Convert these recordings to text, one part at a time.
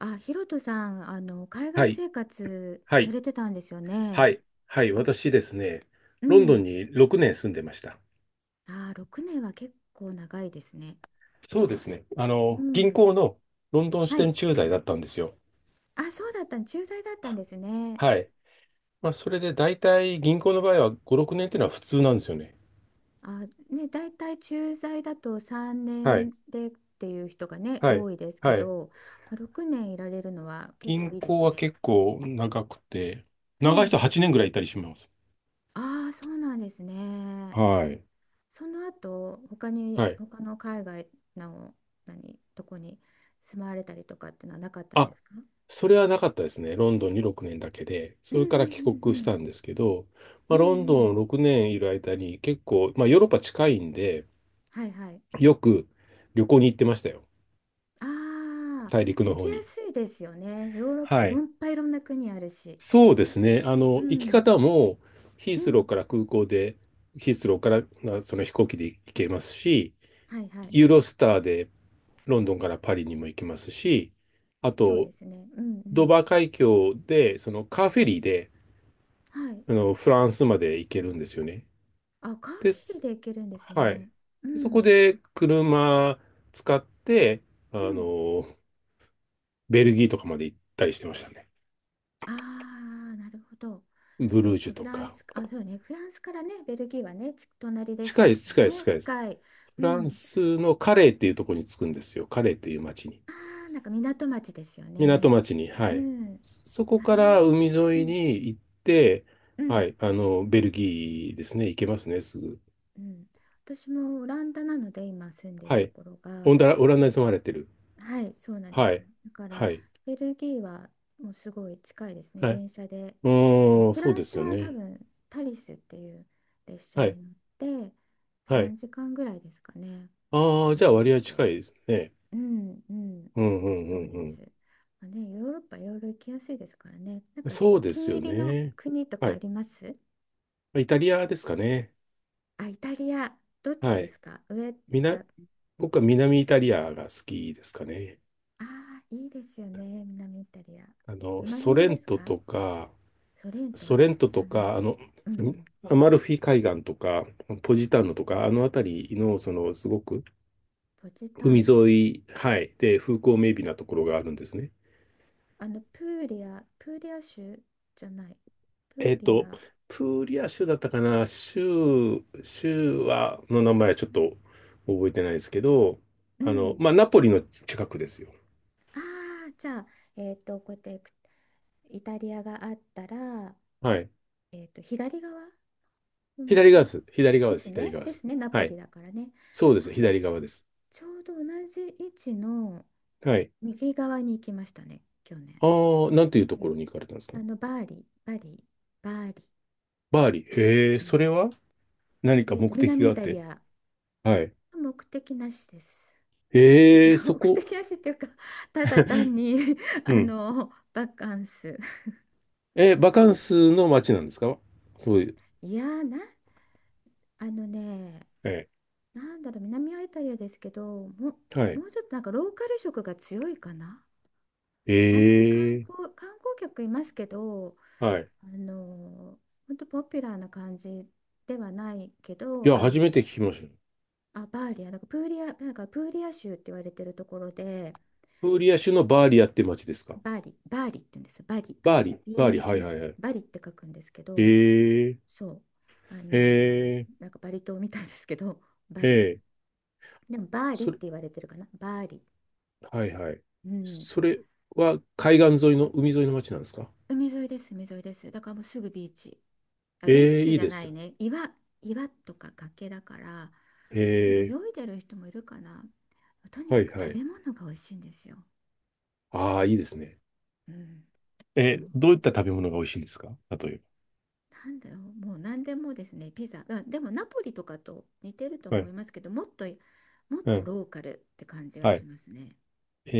あ、ヒロトさん、海は外い、生活はさい、れてたんですよね。はい、はい、私ですね、うロンドンん。に6年住んでました。あー、6年は結構長いですね。そうですね。う銀ん。行のロンドン支は店い。駐在だったんですよ。あ、そうだった、駐在だったんですね。はい。まあ、それで大体銀行の場合は5、6年っていうのは普通なんですよね。あ、ね、大体駐在だと3はい。年でっていう人がね、はい。多いですけはい。ど、まあ6年いられるのは結構銀いいで行すはね。結構長くて、う長い人ん。8年ぐらいいたりします。ああ、そうなんですね。はい。その後他にはい。他の海外の何とこに住まわれたりとかっていうのはなかったんであ、すか？それはなかったですね。ロンドンに6年だけで。うん。それからう帰ん。う国しん。たんですけど、うまん。あ、うロん。ンうドん。ン6年いる間に結構、まあ、ヨーロッパ近いんで、はい、はい。よく旅行に行ってましたよ。ああ大陸ー、行のき方やに。すいですよね、ヨーロッパ、はいろんい。いっぱい、いろんな国あるし。そうですね。う行きん。方もヒーうスロん。ーから空港で、ヒースローからその飛行機で行けますし、はい、はい。ユーロスターでロンドンからパリにも行けますし、あそうと、ですね。うん。うドーバん。ー海峡で、そのカーフェリーで、はい。フランスまで行けるんですよね。あ、カーフでェリーす。で行けるんですはね。い。うで、そこん。で車使って、あうん。の、ベルギーとかまで行ったりしてましたね。ああー、なるほど。ブルージュフとランか。ス、あ、そうね、フランスからね、ベルギーはね、隣です近いです、し近いです、ね、近いです。近い。フうランん。スのカレーっていうところに着くんですよ。カレーっていう町に。ああ、なんか港町ですよ港ね。町に。はうい。ん。そそこあからー。海う沿いん、に行って、うはん、い。ベルギーですね。行けますね、すぐ。うん。私もオランダなので、今住んでるはとい。ころが、オラうンダにん、住まれてる。はい、そうなんではすよ。い。だから、はい。ベルギーはもうすごい近いですね、はい。電車で。うーん、フそうランでスすよは多ね。分、タリスっていう列車はい。に乗って、はい。3時間ぐらいですかね、ああ、パじゃあリ割ま合で。近いですね。うん。うん。うんうそうんでうんす。まあね、ヨーロッパいろいろ行きやすいですからね。なんうん。かそおうで気すに入よりのね。国とはかあい。ります？イタリアですかね。あ、イタリア。どっちはでい。すか、上、み下？な、あ僕は南イタリアが好きですかね。あ、いいですよね。南イタリア。あの、どのソ辺レでンすトか？とか、ソレントはソレント知とらない。か、うん。うん。アマルフィ海岸とか、ポジターノとか、あの辺りの、すごくポジター海ノ。沿い、はい、で、風光明媚なところがあるんですね。プーリア、プーリア州じゃない。プえーっリと、ア。プーリア州だったかな、州、州は、の名前はちょっと覚えてないですけど、うん。まあ、ナポリの近くですよ。ああ、じゃあ、こうやってイタリアがあったら、はい。左側、海沿左側でいす。左側でです。す左ね。側でです。すね。ナポはい。リだからね。そうであ、す。左私、側です。ちょうど同じ位置のはい。右側に行きましたね、去年。ああ、なんていうとうこん。ろに行かれたんですか？バーリ、バリ、バーリ。バーリー。へえ、うそん。れは何か目的南がイあっタリて。ア。はい。目的なしです。へえ、そ目こ。的なしっていうか、ただ単 に うん。バカンス。え、バカンスの街なんですか？そういう。いやー、あのね、えなんだろう、南はイタリアですけど、はい。もうちょっとなんかローカル色が強いかな。えあんまりえ、観光客いますけど、はい。あの、本当ポピュラーな感じではないけいど、や、初めて聞きました。あ、バーリア、なんかプーリア、なんかプーリア州って言われてるところで、プーリア州のバーリアって町ですか？バーリ、バーリって言うんですよ。バリ、バーリ、バーリ、B、うはいはん、いはい。バリって書くんですけえど、え、そう、あえの、え、なんかバリ島みたいですけど、バえリ。え、でも、バーリっそてれ、言われてるかな、バーリ。はいはい。うん。それは海沿いの町なんですか？海沿いです、海沿いです。だからもうすぐビーチ。あ、ビーええ、チいいじゃでなすいね。ね。岩とか崖だから、えでもえ、泳いでる人もいるかな。とにはかいくは食い。べ物が美味しいんですよ。ああ、いいですね。うん。もう、どういった食べ物が美味しいんですか、例えなんだろう、もう何でもですね、ピザ。あ、でもナポリとかと似てるとば？は思いい。ますけど、もっうとん。ローカルって感じがはしい。ますね。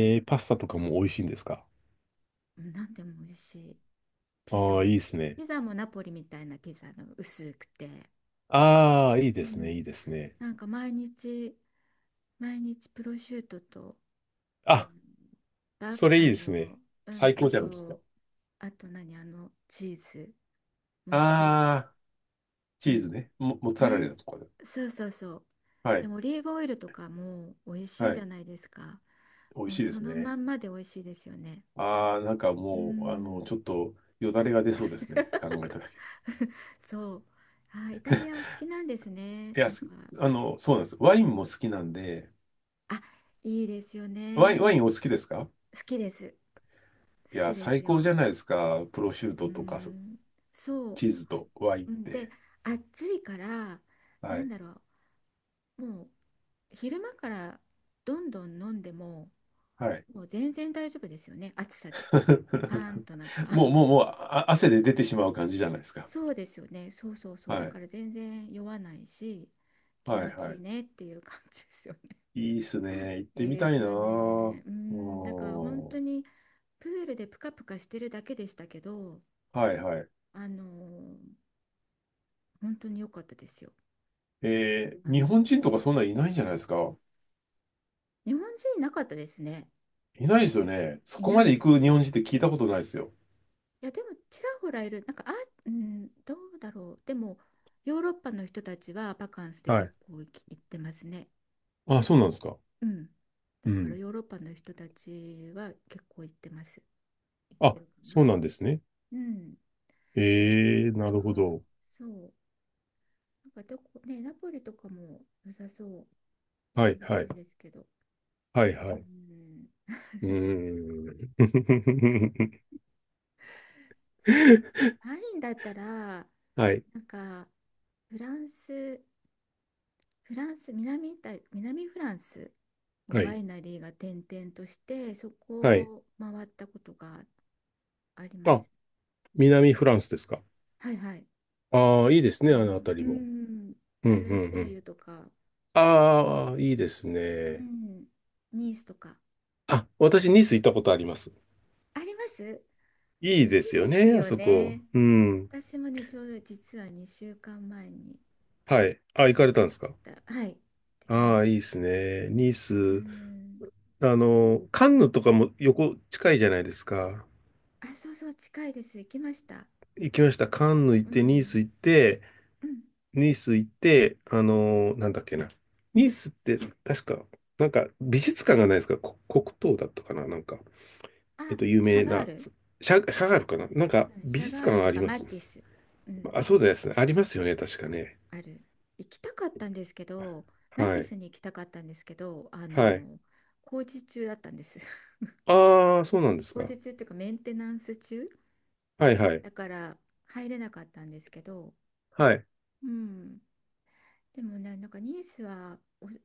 あの、ー、パスタとかも美味しいんですか？うん、何でも美味しい。ピザああ、も。いいですね。ピザもナポリみたいなピザの薄くて。ああ、いいでうすね、いいん。ですね。なんか毎日プロシュートとあのあ、ラフそれいいあですね。のう最ん、高じゃないですか。あと何、チーズ、モッツァレラ。ああ。うチーズん。ね。モッツァレね。ラとかで。そうそうそう。はでい。もオリーブオイルとかも美味しいはじい。ゃないですか？美味もうしいでそすのね。まんまで美味しいですよね。ああ、なんかうもう、ん。 ちょっとよだれが出そうですね。考えただけ。そう。あ、イタリアお好きなんですね、いや、なんか。すあの、そうなんです。ワインも好きなんで、あ、いいですよワイン、ワね。インお好きですか？好きです。好いや、きです最高じよ。ゃないですか。プロシューうトとか、ん。そう。チーズとワインっうん、で、て。暑いから、なはんい。だろう、もう昼間からどんどん飲んでも、はい。もう全然大丈夫ですよね、暑さで。パーンとなんか。 もう、もう、もう、あ、汗で出てしまう感じじゃないですか。そうですよね、そうそうそう、だはかい。ら全然酔わないし、気は持い、はちいい。いねっていう感じですよね。いいっすね。行っ ていいみでたいすなよぁ。ね。ううん、なんか本当ん。にプールでプカプカしてるだけでしたけど、はい、はい。あのー本当に良かったですよ。あ日の、本人とかそんなんいないんじゃないですか。日本人いなかったですね。いないですよね。そいこなまでいで行すく日本ね。人って聞いたことないですよ。いやでもちらほらいる、なんか、あ、うん、どうだろう、でもヨーロッパの人たちはバカンスではい。結構行ってますね。あ、そうなんですか。うん。うだからん。ヨーロッパの人たちは結構行ってます。行ってあ、るかな。そうなんですね。うん。なんええ、なるほか、ど。そう。なんかどこね、ナポリとかも良さそう、行っはい、てみはたい。いですけど。はい、うはい。ん。うーん。そう。ワインだったら、なはい、んか、フランスフランス、南イタリ、南フランスのはワい、イナリーが転々として、そはい。こを回ったことがあります。あ、南フランスですか。はい、はい。ああ、いいですあね、あの、のあたうりも。ん、うマん、うルん、うセイん。ユとか、ああ、いいですうね。ん、ニースとか。あ、私、ニース行ったことあります。あります。いいいでいすよですね、あよそこ。ね。うん。私もね、ちょうど実は2週間前にはい。あ、行か行れったんてできすか？た。はい、行ってきまああしー、いいた。ですね。ニーうス。ん。なんカンヌとかも横近いじゃないですか。あ、そうそう、近いです。行きました。行きました。カンヌ行っうて、ニーん。ス行って、うん。なんだっけな。ニースって確か、なんか美術館がないですか？黒糖だったかな、なんか、あ、有シャ名ガーな、ル。シャガールかな、なんかうん、シ美ャ術ガー館ルがとありかまマす。ティス、うん、あ、そうですね。ありますよね。確かね。ある。行きたかったんですけど、マはティい。スに行きたかったんですけど、はい。工事中だったんです。ああ、そうなんです工か。事中っていうかメンテナンス中はいはい。だから入れなかったんですけど、はい。うん。でもね、なんかニースはおシ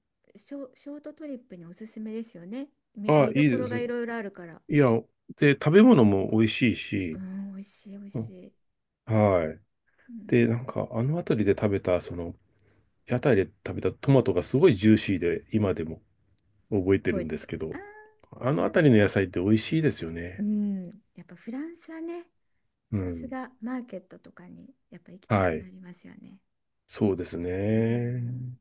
ョ、ショートトリップにおすすめですよね。ああ、見どいいこでろがすね。いろいろあるから。いや、で、食べ物も美味しいうし、ん、美味しい、美味うしん、い。はい。うで、ん、なんか、あの辺りで食べた、屋台で食べたトマトがすごいジューシーで、今でも覚えて覚るえんでてする。けあど、あ、あ良のさ辺りその野う。菜って美味しいですようね。ん、やっぱフランスはね、うさすん。がマーケットとかにやっぱ行きたはくない。りますよね。そうですうん、ね。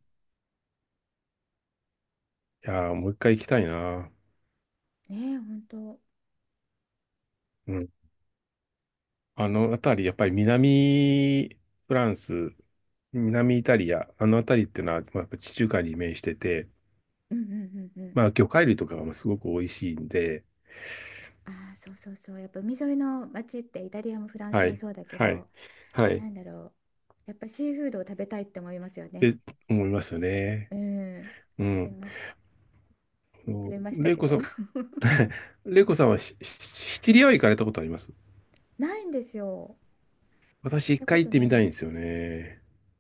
いやー、もう一回行きたいな。ねえ、本当。うん。うん。あの辺り、やっぱり南フランス、南イタリア、あの辺りっていうのは、まあ、やっぱ地中海に面してて、うん。うん。うん。まあ、魚介類とかがまあすごく美味しいんで、ああ、そうそうそう。やっぱ海沿いの街ってイタリアもフランスはもい。そうだけはい。ど、はい。なっんだろう。やっぱシーフードを食べたいって思いますよね。て思いますよね。うん。う食べん。ます。食べましたレイけコど。さん、レイコさんはシチリアは行かれたことあります？ないんですよ。行私っ一たこ回行とってなみいでたいんです。すよね。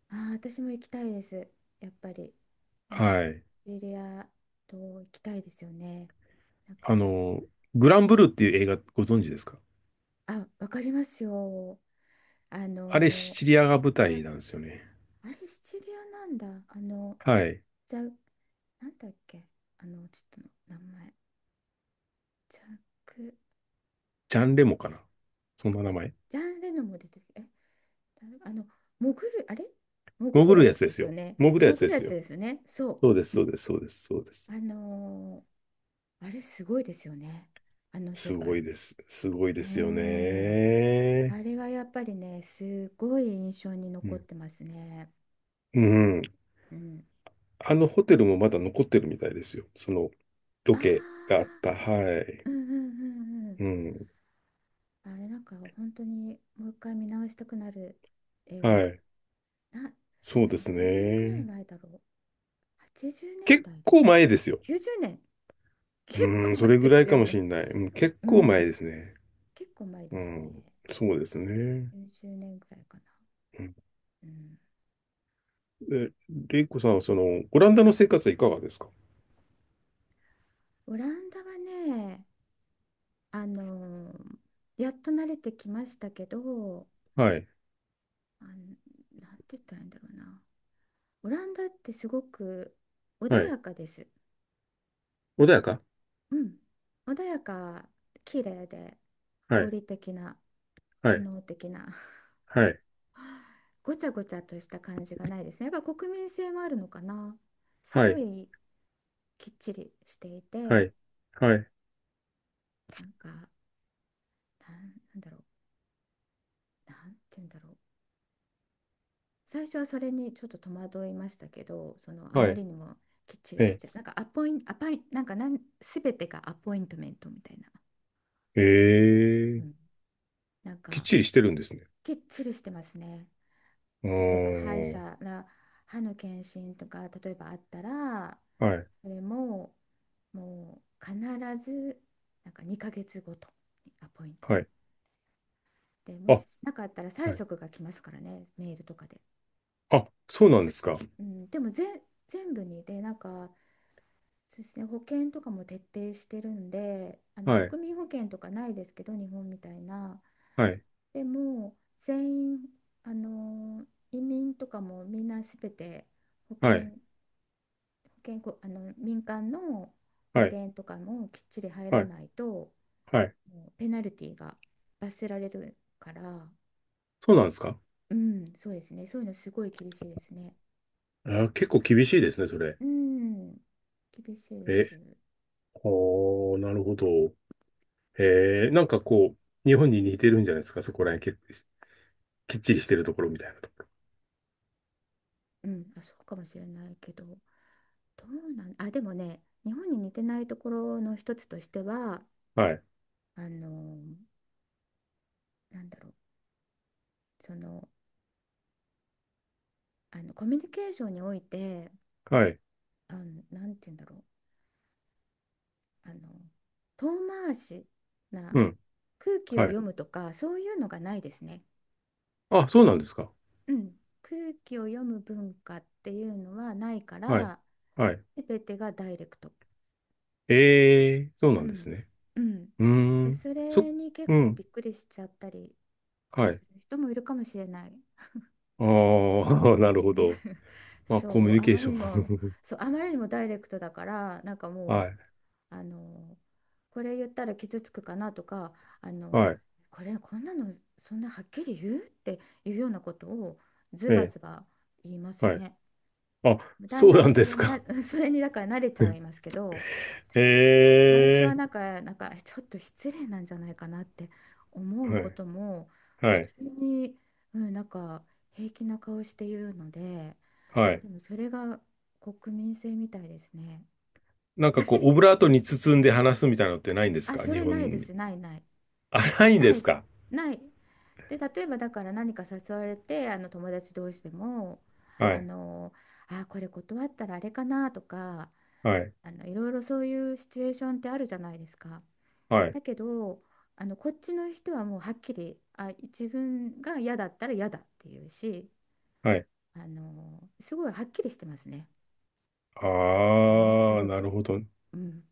ああ、私も行きたいです。やっぱり。なんか、シはい。チリア島行きたいですよね。なんあか、の、グランブルーっていう映画ご存知ですか？あ、わかりますよ。ああれシのチリアが舞じゃ、台なんですよね。あれシチリアなんだ。はい。じゃ、なんだっけ。ちょっとの名前。ジャック、ジャンレモかな、そんな名前。ジャン・レノも出てる。え、誰、潜る、あれ潜潜るるややつつでですすよよ。ね。潜るや潜つでるやすつよ。ですよね。そそうです、そうです、そうです、そうでう。す。あれすごいですよね。あの世すご界。いです。すごいでうーすよん。あね。れはやっぱりね、すごい印象にう残っん。てますね。ううん。あのホテルもまだ残ってるみたいですよ。そのあロあ、ケがあった。はい。うん、うん、うん、うん。うん。あれなんか本当にもう一回見直したくなる映画はな。い。そうあでれす何年ぐらいね。前だろう、80年結代で構すか前ね。ですよ。90年。結うん、構そ前れでぐらいすかよもしね。れない。うん、結う構前でん、すね。結構前うですん。ね。そうですね。90年ぐらいかな。うん、うん。え、レイコさんはオランダの生活はいかがですか？オランダはね、あのーやっと慣れてきましたけど、はい。あのなんて言ったらいいんだろうな。オランダってすごく穏はい。やかです。穏やか。うん、穏やか、綺麗では合い。理的な、は機い。能的な、はい。ごちゃごちゃとした感じがないですね。やっぱ国民性もあるのかな。すはごい。いきっちりしていはて、い。はい。なんか、なんなんだろう、なんて言うんだろう。最初はそれにちょっと戸惑いましたけど、そのあはまりい。にもきっちりきっえちり、なんかアパイ、なんか、すべてがアポイントメントみたいな、うええん、え、なんきっか、ちりしてるんですね。きっちりしてますね。う例えば歯医ーん。者な歯の検診とか例えばあったら、はい。それももう必ずなんか2ヶ月ごとにアポイントメはンい。トでもあ、しなかったら、催はい。促が来ますからね、メールとかで。あ、そうなんですか。うん、でも全部にでなんか、そうですね、保険とかも徹底してるんで、はい。国民保険とかないですけど日本みたいな。はい。でも全員、あの移民とかもみんなすべて保はい。険、健康、民間の保はい。険とかもきっちり入はらい。ないと、はい。もうペナルティが、罰せられるから。そうなんですか。うん、そうですね、そういうのすごい厳しいですね。あ、結構厳しいですね、それ。うん、厳しいでえ、す。おー、なるほど。なんかこう、日本に似てるんじゃないですか、そこら辺結構きっちりしてるところみたいなとこ。うん、あ、そうかもしれないけど、どうなん、あ、でもね、日本に似てないところの一つとしては、はい。あの、なんだろう、その、コミュニケーションにおいて、はい。なんて言うんだろう、あの、遠回しうな、ん。空気をはい。読むとか、そういうのがないですね。あ、そうなんですか。うん、空気を読む文化っていうのはないかはい。ら、はい。全てがダイレクト。そうなうんですんね。うん、うーん。そそ、れに結う構ん。びっくりしちゃったりはすい。る人もいるかもしれない。ああ、うなるほん ど。まあ、コそミう、ュニあケーまりショにも、ン。そう、あまりにもダイレクトだから、なんか はも、い。あのこれ言ったら傷つくかなとか、あのはい。これこんなの、そんなはっきり言うっていうようなことをズえバえ。ズバ言いますはい、ね。あ、だんそうだなんんでそすれにか。な それにだから慣れちゃいま すけど、へ最初はえ。なんか、なんかちょっと失礼なんじゃないかなって思うはこい。ともは普い。通に、うん、なんか平気な顔して言うので、はい。でもそれが国民性みたいですね。なんかこう、オブラートに包んで話すみたいなのってないんですあ、か、そ日れ本ないでに？す、ないない。あ、ないんなでいですす、か？ない。で、例えばだから、何か誘われて、友達同士でも、はあい。のこれ断ったらあれかなとか、はい。いろいろ、そういうシチュエーションってあるじゃないですか。はい。だけど、こっちの人はもうはっきり、あ、自分が嫌だったら嫌だっていうし、はい。すごいはっきりしてますね、ものすああ、ごなるく。ほど。うん、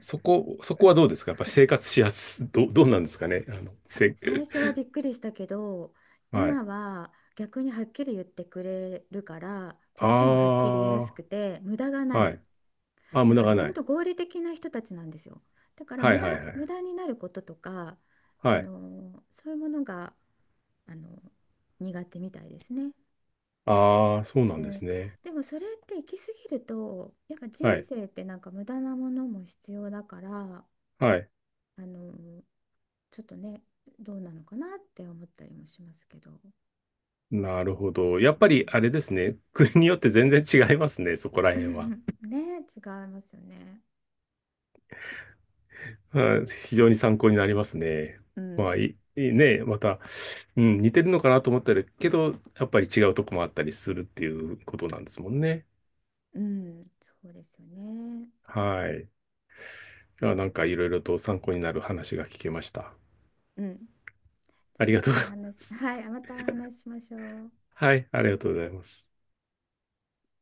そこはどうですか？やっぱ生活しやす、どうなんですかね、最初は びっくりしたけど、はい。今は逆にはっきり言ってくれるから、こっちもはっきあり言いやすくて無駄がなあ、はい。い。あ、無だ駄かがらな本い。当、合理的な人たちなんですよ。だからはいはいはい。無駄になることとか、はそい。のそういうものが、あの苦手みたいですね。ああ、そううなんでん、すね。でもそれって行き過ぎると、やっぱ人はい。生ってなんか無駄なものも必要だから、はい。あのちょっとね、どうなのかなって思ったりもしますけど。なるほど。やっうぱりあれん ですね。国によって全然違いますね、そこら う辺ん、は。ね、違いますよね。はい、非常に参考になりますね。うまあ、ん、いいね、また、うん、似てるのかなと思ったりけど、やっぱり違うとこもあったりするっていうことなんですもんね。うん、そうですよね。はい。いや、なんかいろいろと参考になる話が聞けました。うん。じゃあありまがとうたごおざいま話、す。はい、またお話ししましょう。はい、ありがとうございます。